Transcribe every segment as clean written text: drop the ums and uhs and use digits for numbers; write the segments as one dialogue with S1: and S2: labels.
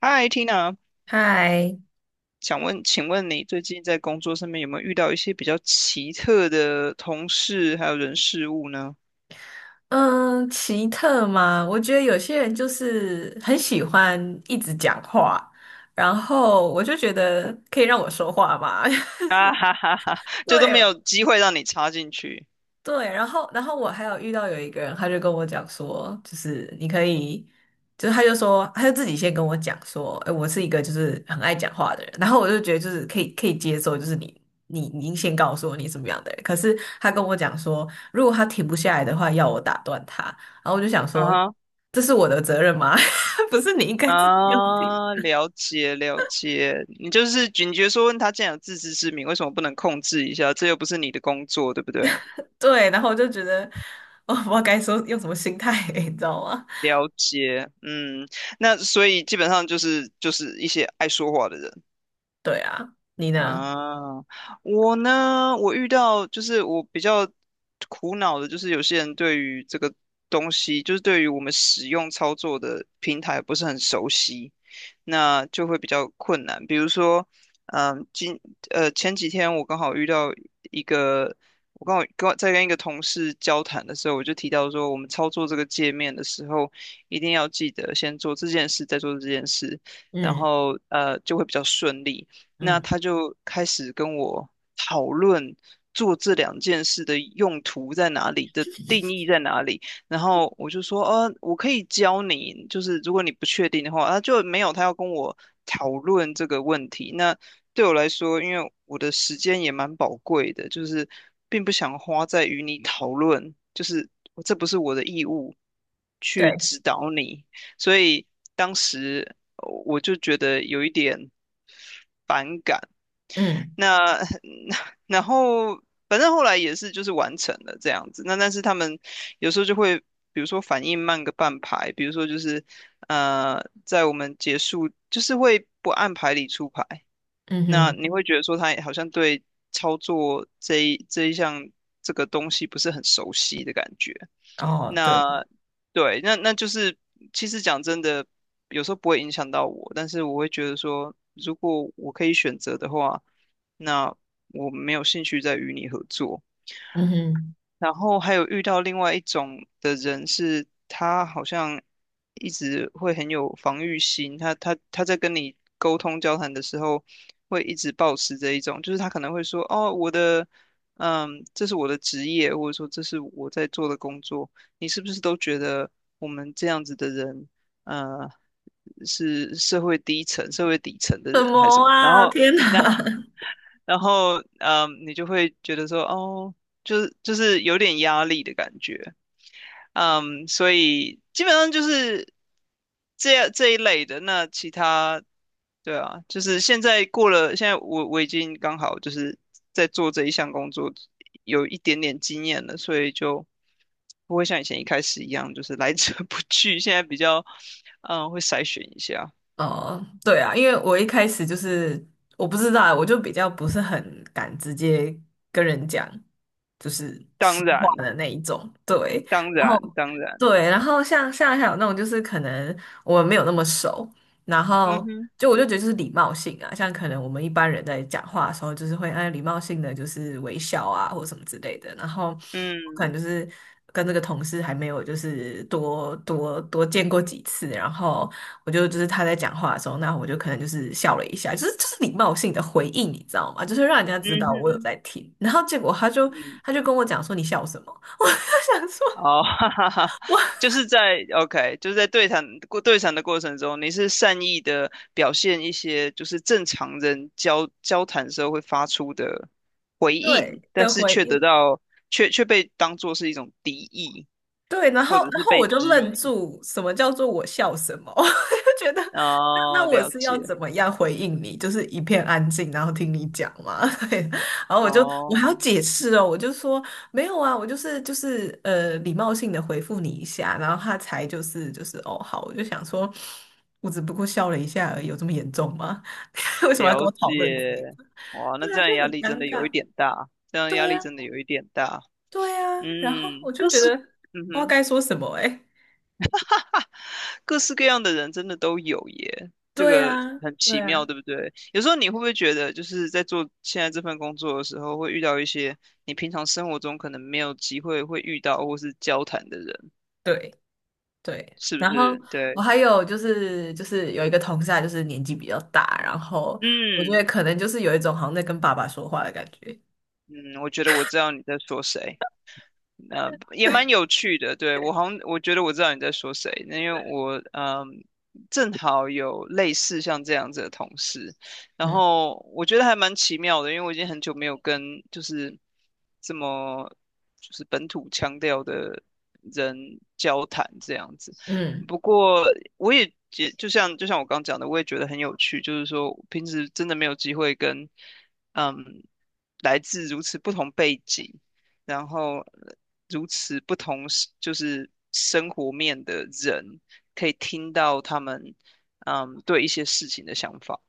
S1: 嗨，Tina，
S2: 嗨，
S1: 想问，请问你最近在工作上面有没有遇到一些比较奇特的同事还有人事物呢？
S2: 嗯，奇特吗？我觉得有些人就是很喜欢一直讲话，然后我就觉得可以让我说话吗？
S1: 啊哈哈哈，就都没
S2: 对，
S1: 有机会让你插进去。
S2: 对，然后我还有遇到有一个人，他就跟我讲说，就是你可以，就是他就说，他就自己先跟我讲说，哎，我是一个就是很爱讲话的人，然后我就觉得就是可以接受，就是你先告诉我你什么样的人，可是他跟我讲说，如果他停不下来的话，要我打断他，然后我就想
S1: 啊
S2: 说，
S1: 哈，
S2: 这是我的责任吗？不是你应该自己要停？
S1: 啊，了解了解，你就是警觉说问他既然有自知之明，为什么不能控制一下？这又不是你的工作，对不对？
S2: 对，然后我就觉得，我不知道该说用什么心态，你知道吗？
S1: 了解，嗯，那所以基本上就是一些爱说话的人。
S2: 对啊，你呢？
S1: 啊，我呢，我遇到就是我比较苦恼的，就是有些人对于这个东西，就是对于我们使用操作的平台不是很熟悉，那就会比较困难。比如说，嗯，今前几天我刚好遇到一个，我刚好刚在跟一个同事交谈的时候，我就提到说，我们操作这个界面的时候，一定要记得先做这件事，再做这件事。然
S2: 嗯
S1: 后就会比较顺利，那
S2: 嗯。
S1: 他就开始跟我讨论做这两件事的用途在哪里的定义在哪里。然后我就说，我可以教你，就是如果你不确定的话，他就没有他要跟我讨论这个问题。那对我来说，因为我的时间也蛮宝贵的，就是并不想花在与你讨论，就是这不是我的义务去
S2: 对。
S1: 指导你，所以当时我就觉得有一点。
S2: 嗯
S1: 那 那然后反正后来也是就是完成了这样子。那但是他们有时候就会，比如说反应慢个半拍，比如说就是在我们结束就是会不按牌理出牌。
S2: 嗯
S1: 那
S2: 哼，
S1: 你会觉得说他好像对操作这一项这个东西不是很熟悉的感觉。
S2: 哦，对，
S1: 那对，那就是其实讲真的，有时候不会影响到我，但是我会觉得说，如果我可以选择的话，那我没有兴趣再与你合作。
S2: 嗯哼，
S1: 然后还有遇到另外一种的人是，他好像一直会很有防御心，他在跟你沟通交谈的时候，会一直保持着一种，就是他可能会说，哦，我的，嗯，这是我的职业，或者说这是我在做的工作，你是不是都觉得我们这样子的人，呃，是社会低层、社会底层的
S2: 什
S1: 人还是什
S2: 么
S1: 么？然
S2: 啊！
S1: 后，
S2: 天哪！
S1: 然后。然后，嗯，你就会觉得说，哦，就是有点压力的感觉。嗯，所以基本上就是这一类的。那其他，对啊，就是现在过了，现在我已经刚好就是在做这一项工作，有一点点经验了，所以就不会像以前一开始一样，就是来者 不拒。现在比较，嗯，会筛选一下。
S2: 哦，对啊，因为我一开始就是我不知道啊，我就比较不是很敢直接跟人讲，就是实
S1: 当
S2: 话
S1: 然，
S2: 的那一种。对，
S1: 当
S2: 然
S1: 然，
S2: 后
S1: 当然，
S2: 对，然后像还有那种就是可能我们没有那么熟，然
S1: 嗯
S2: 后
S1: 哼，
S2: 就我就觉得就是礼貌性啊，像可能我们一般人在讲话的时候，就是会按礼貌性的就是微笑啊或什么之类的。然后可能就
S1: 嗯，
S2: 是跟这个同事还没有就是多见过几次，然后我就就是他在讲话的时候，那我就可能就是笑了一下，就是就是礼貌性的回应，你知道吗？就是让人家
S1: 嗯
S2: 知道我有
S1: 哼，
S2: 在听。然后结果他就
S1: 嗯。
S2: 他就跟我讲说你笑什么？他想说
S1: 哦，哈哈哈，
S2: 我
S1: 就是在 OK，就是在对谈过对谈的过程中，你是善意的表现一些就是正常人交谈时候会发出的回 应，
S2: 对
S1: 但
S2: 的
S1: 是
S2: 回
S1: 却得
S2: 应。
S1: 到却却被当作是一种敌意，
S2: 对，然后
S1: 或者
S2: 然
S1: 是
S2: 后
S1: 被
S2: 我就
S1: 质
S2: 愣
S1: 疑。
S2: 住，什么叫做我笑什么？我就觉得那那
S1: 哦，
S2: 我
S1: 了
S2: 是要
S1: 解，
S2: 怎么样回应你？就是一片安静，然后听你讲嘛。对，然后我就我还要
S1: 哦，
S2: 解释哦，我就说没有啊，我就是就是礼貌性的回复你一下，然后他才就是就是哦好，我就想说，我只不过笑了一下而已，有这么严重吗？为什么要跟
S1: 了
S2: 我讨论这
S1: 解，
S2: 个？
S1: 哇，那
S2: 对
S1: 这
S2: 啊，就
S1: 样压
S2: 很
S1: 力真
S2: 尴
S1: 的有一
S2: 尬。
S1: 点大，这样压
S2: 对
S1: 力
S2: 呀，
S1: 真的有一点大。
S2: 对呀，然后
S1: 嗯，
S2: 我就
S1: 可
S2: 觉
S1: 是，
S2: 得
S1: 嗯
S2: 不知道
S1: 哼。
S2: 该说什么哎、
S1: 各式各样的人真的都有耶，这
S2: 对
S1: 个
S2: 啊，
S1: 很
S2: 对
S1: 奇妙，
S2: 啊，
S1: 对不对？有时候你会不会觉得，就是在做现在这份工作的时候，会遇到一些你平常生活中可能没有机会会遇到或是交谈的人，
S2: 对对。
S1: 是不
S2: 然后
S1: 是？
S2: 我
S1: 对，
S2: 还有就是就是有一个同事，他就是年纪比较大，然后我觉
S1: 嗯
S2: 得可能就是有一种好像在跟爸爸说话的感觉。
S1: 嗯，我觉得我知道你在说谁。也
S2: 对，
S1: 蛮有趣的。对，我好像我觉得我知道你在说谁，那因为我嗯，正好有类似像这样子的同事，然
S2: 嗯
S1: 后我觉得还蛮奇妙的，因为我已经很久没有跟就是这么就是本土腔调的人交谈这样子。
S2: 嗯
S1: 不过我也觉就像我刚讲的，我也觉得很有趣，就是说平时真的没有机会跟嗯来自如此不同背景。然后如此不同是就是生活面的人，可以听到他们嗯对一些事情的想法。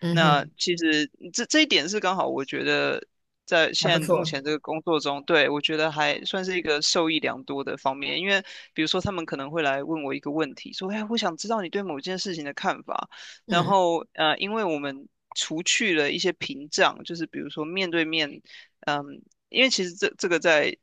S2: 嗯
S1: 那
S2: 哼，
S1: 其实这一点是刚好，我觉得在
S2: 还
S1: 现
S2: 不
S1: 在目
S2: 错。
S1: 前这个工作中，对，我觉得还算是一个受益良多的方面。因为比如说，他们可能会来问我一个问题，说："哎，我想知道你对某件事情的看法。"然
S2: 嗯
S1: 后因为我们除去了一些屏障，就是比如说面对面，嗯，因为其实这个在。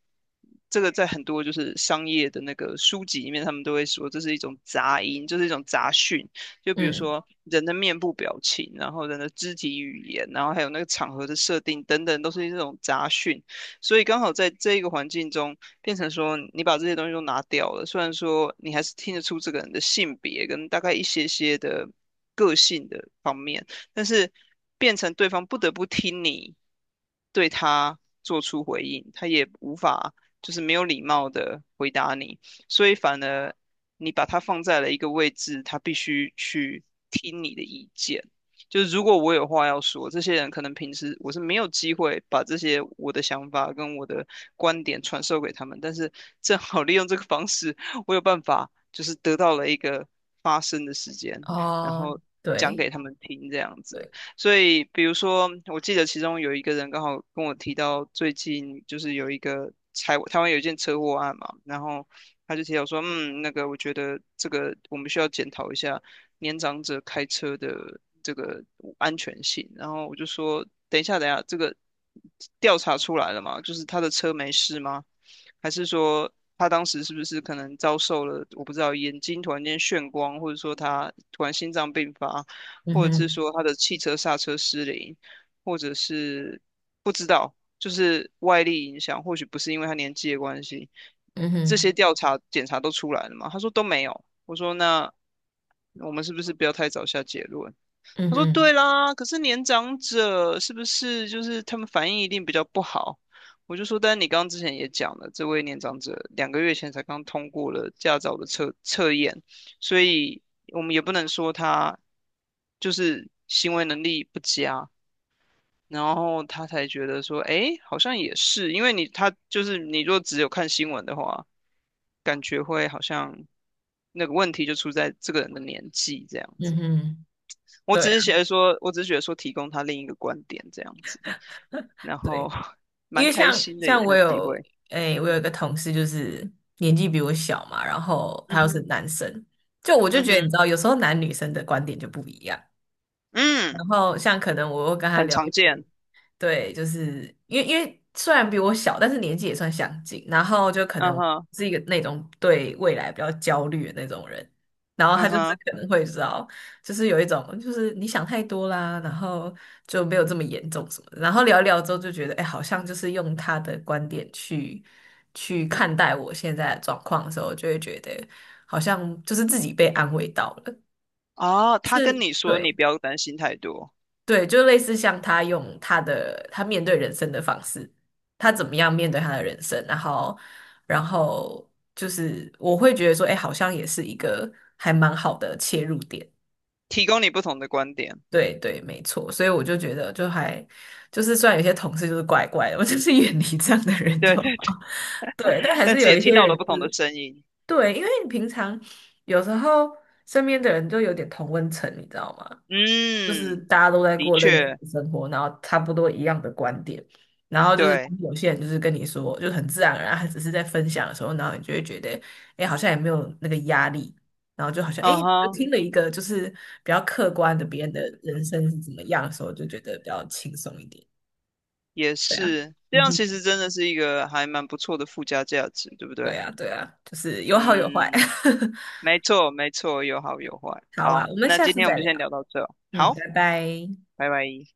S1: 这个在很多就是商业的那个书籍里面，他们都会说这是一种杂音，就是一种杂讯。就比如
S2: 嗯，
S1: 说人的面部表情，然后人的肢体语言，然后还有那个场合的设定等等，都是这种杂讯。所以刚好在这一个环境中，变成说你把这些东西都拿掉了，虽然说你还是听得出这个人的性别跟大概一些些的个性的方面，但是变成对方不得不听你对他做出回应，他也无法就是没有礼貌的回答你，所以反而你把它放在了一个位置，他必须去听你的意见。就是如果我有话要说，这些人可能平时我是没有机会把这些我的想法跟我的观点传授给他们，但是正好利用这个方式，我有办法就是得到了一个发声的时间，然
S2: 哦，
S1: 后讲
S2: 对
S1: 给他们听这样子。
S2: 对，
S1: 所以，比如说，我记得其中有一个人刚好跟我提到，最近就是有一个台湾有一件车祸案嘛，然后他就提到说，嗯，那个我觉得这个我们需要检讨一下年长者开车的这个安全性。然后我就说，等一下，等一下，这个调查出来了吗？就是他的车没事吗？还是说他当时是不是可能遭受了我不知道眼睛突然间眩光，或者说他突然心脏病发，
S2: 嗯
S1: 或者是
S2: 哼
S1: 说他的汽车刹车失灵，或者是不知道，就是外力影响，或许不是因为他年纪的关系，
S2: 嗯
S1: 这些
S2: 哼
S1: 调查检查都出来了嘛？他说都没有。我说那我们是不是不要太早下结论？
S2: 嗯
S1: 他说对
S2: 哼
S1: 啦，可是年长者是不是就是他们反应一定比较不好？我就说，但你刚刚之前也讲了，这位年长者2个月前才刚通过了驾照的测验，所以我们也不能说他就是行为能力不佳，然后他才觉得说，诶，好像也是，因为你他就是你若只有看新闻的话，感觉会好像那个问题就出在这个人的年纪这样
S2: 嗯
S1: 子。
S2: 哼，
S1: 我
S2: 对
S1: 只
S2: 啊，
S1: 是觉得说，我只是觉得说提供他另一个观点这样子，然后
S2: 对。因
S1: 蛮
S2: 为
S1: 开
S2: 像
S1: 心的有
S2: 像我
S1: 那机
S2: 有
S1: 会。
S2: 诶、我有
S1: 嗯
S2: 一个同事就是年纪比我小嘛，然后
S1: 嗯
S2: 他又是
S1: 哼，
S2: 男生，就我就
S1: 嗯
S2: 觉得你
S1: 哼，
S2: 知道，有时候男女生的观点就不一样。
S1: 嗯，
S2: 然后像可能我又跟他
S1: 很
S2: 聊一
S1: 常
S2: 些。
S1: 见。
S2: 对，就是因为虽然比我小，但是年纪也算相近，然后就可
S1: 嗯
S2: 能
S1: 哼，
S2: 是一个那种对未来比较焦虑的那种人，然后
S1: 嗯
S2: 他就是
S1: 哼，
S2: 可能会知道，就是有一种就是你想太多啦，然后就没有这么严重什么的，然后聊一聊之后就觉得，哎，好像就是用他的观点去看待我现在的状况的时候，就会觉得好像就是自己被安慰到了，
S1: 哦，他跟你说你
S2: 对，
S1: 不要担心太多，
S2: 对，就类似像他用他的他面对人生的方式，他怎么样面对他的人生，然后，然后就是我会觉得说，哎，好像也是一个还蛮好的切入点。
S1: 提供你不同的观点。
S2: 对对，没错，所以我就觉得就还就是虽然有些同事就是怪怪的，我就是远离这样的人就
S1: 对
S2: 好。
S1: 对对，
S2: 对，但 还
S1: 但
S2: 是
S1: 是
S2: 有
S1: 也
S2: 一
S1: 听
S2: 些
S1: 到
S2: 人
S1: 了不同的
S2: 是。
S1: 声音。
S2: 对，因为你平常有时候身边的人就有点同温层，你知道吗？就是
S1: 嗯，
S2: 大家都在
S1: 的
S2: 过类似
S1: 确，
S2: 的生活，然后差不多一样的观点，然后就是
S1: 对，
S2: 当有些人就是跟你说，就很自然而然，他只是在分享的时候，然后你就会觉得，哎，好像也没有那个压力，然后就好像，哎，
S1: 嗯
S2: 就
S1: 哼，
S2: 听了一个就是比较客观的别人的人生是怎么样的时候，就觉得比较轻松一点。
S1: 也
S2: 对啊，
S1: 是，这
S2: 嗯
S1: 样其
S2: 哼，
S1: 实真的是一个还蛮不错的附加价值，对不
S2: 对
S1: 对？
S2: 啊，对啊，就是有好有坏。
S1: 嗯。没错，没错，有好有坏。
S2: 好啊，
S1: 好，
S2: 我们
S1: 那
S2: 下
S1: 今
S2: 次
S1: 天我们
S2: 再
S1: 就
S2: 聊。
S1: 先聊到这。
S2: 嗯，
S1: 好，
S2: 拜拜。
S1: 拜拜。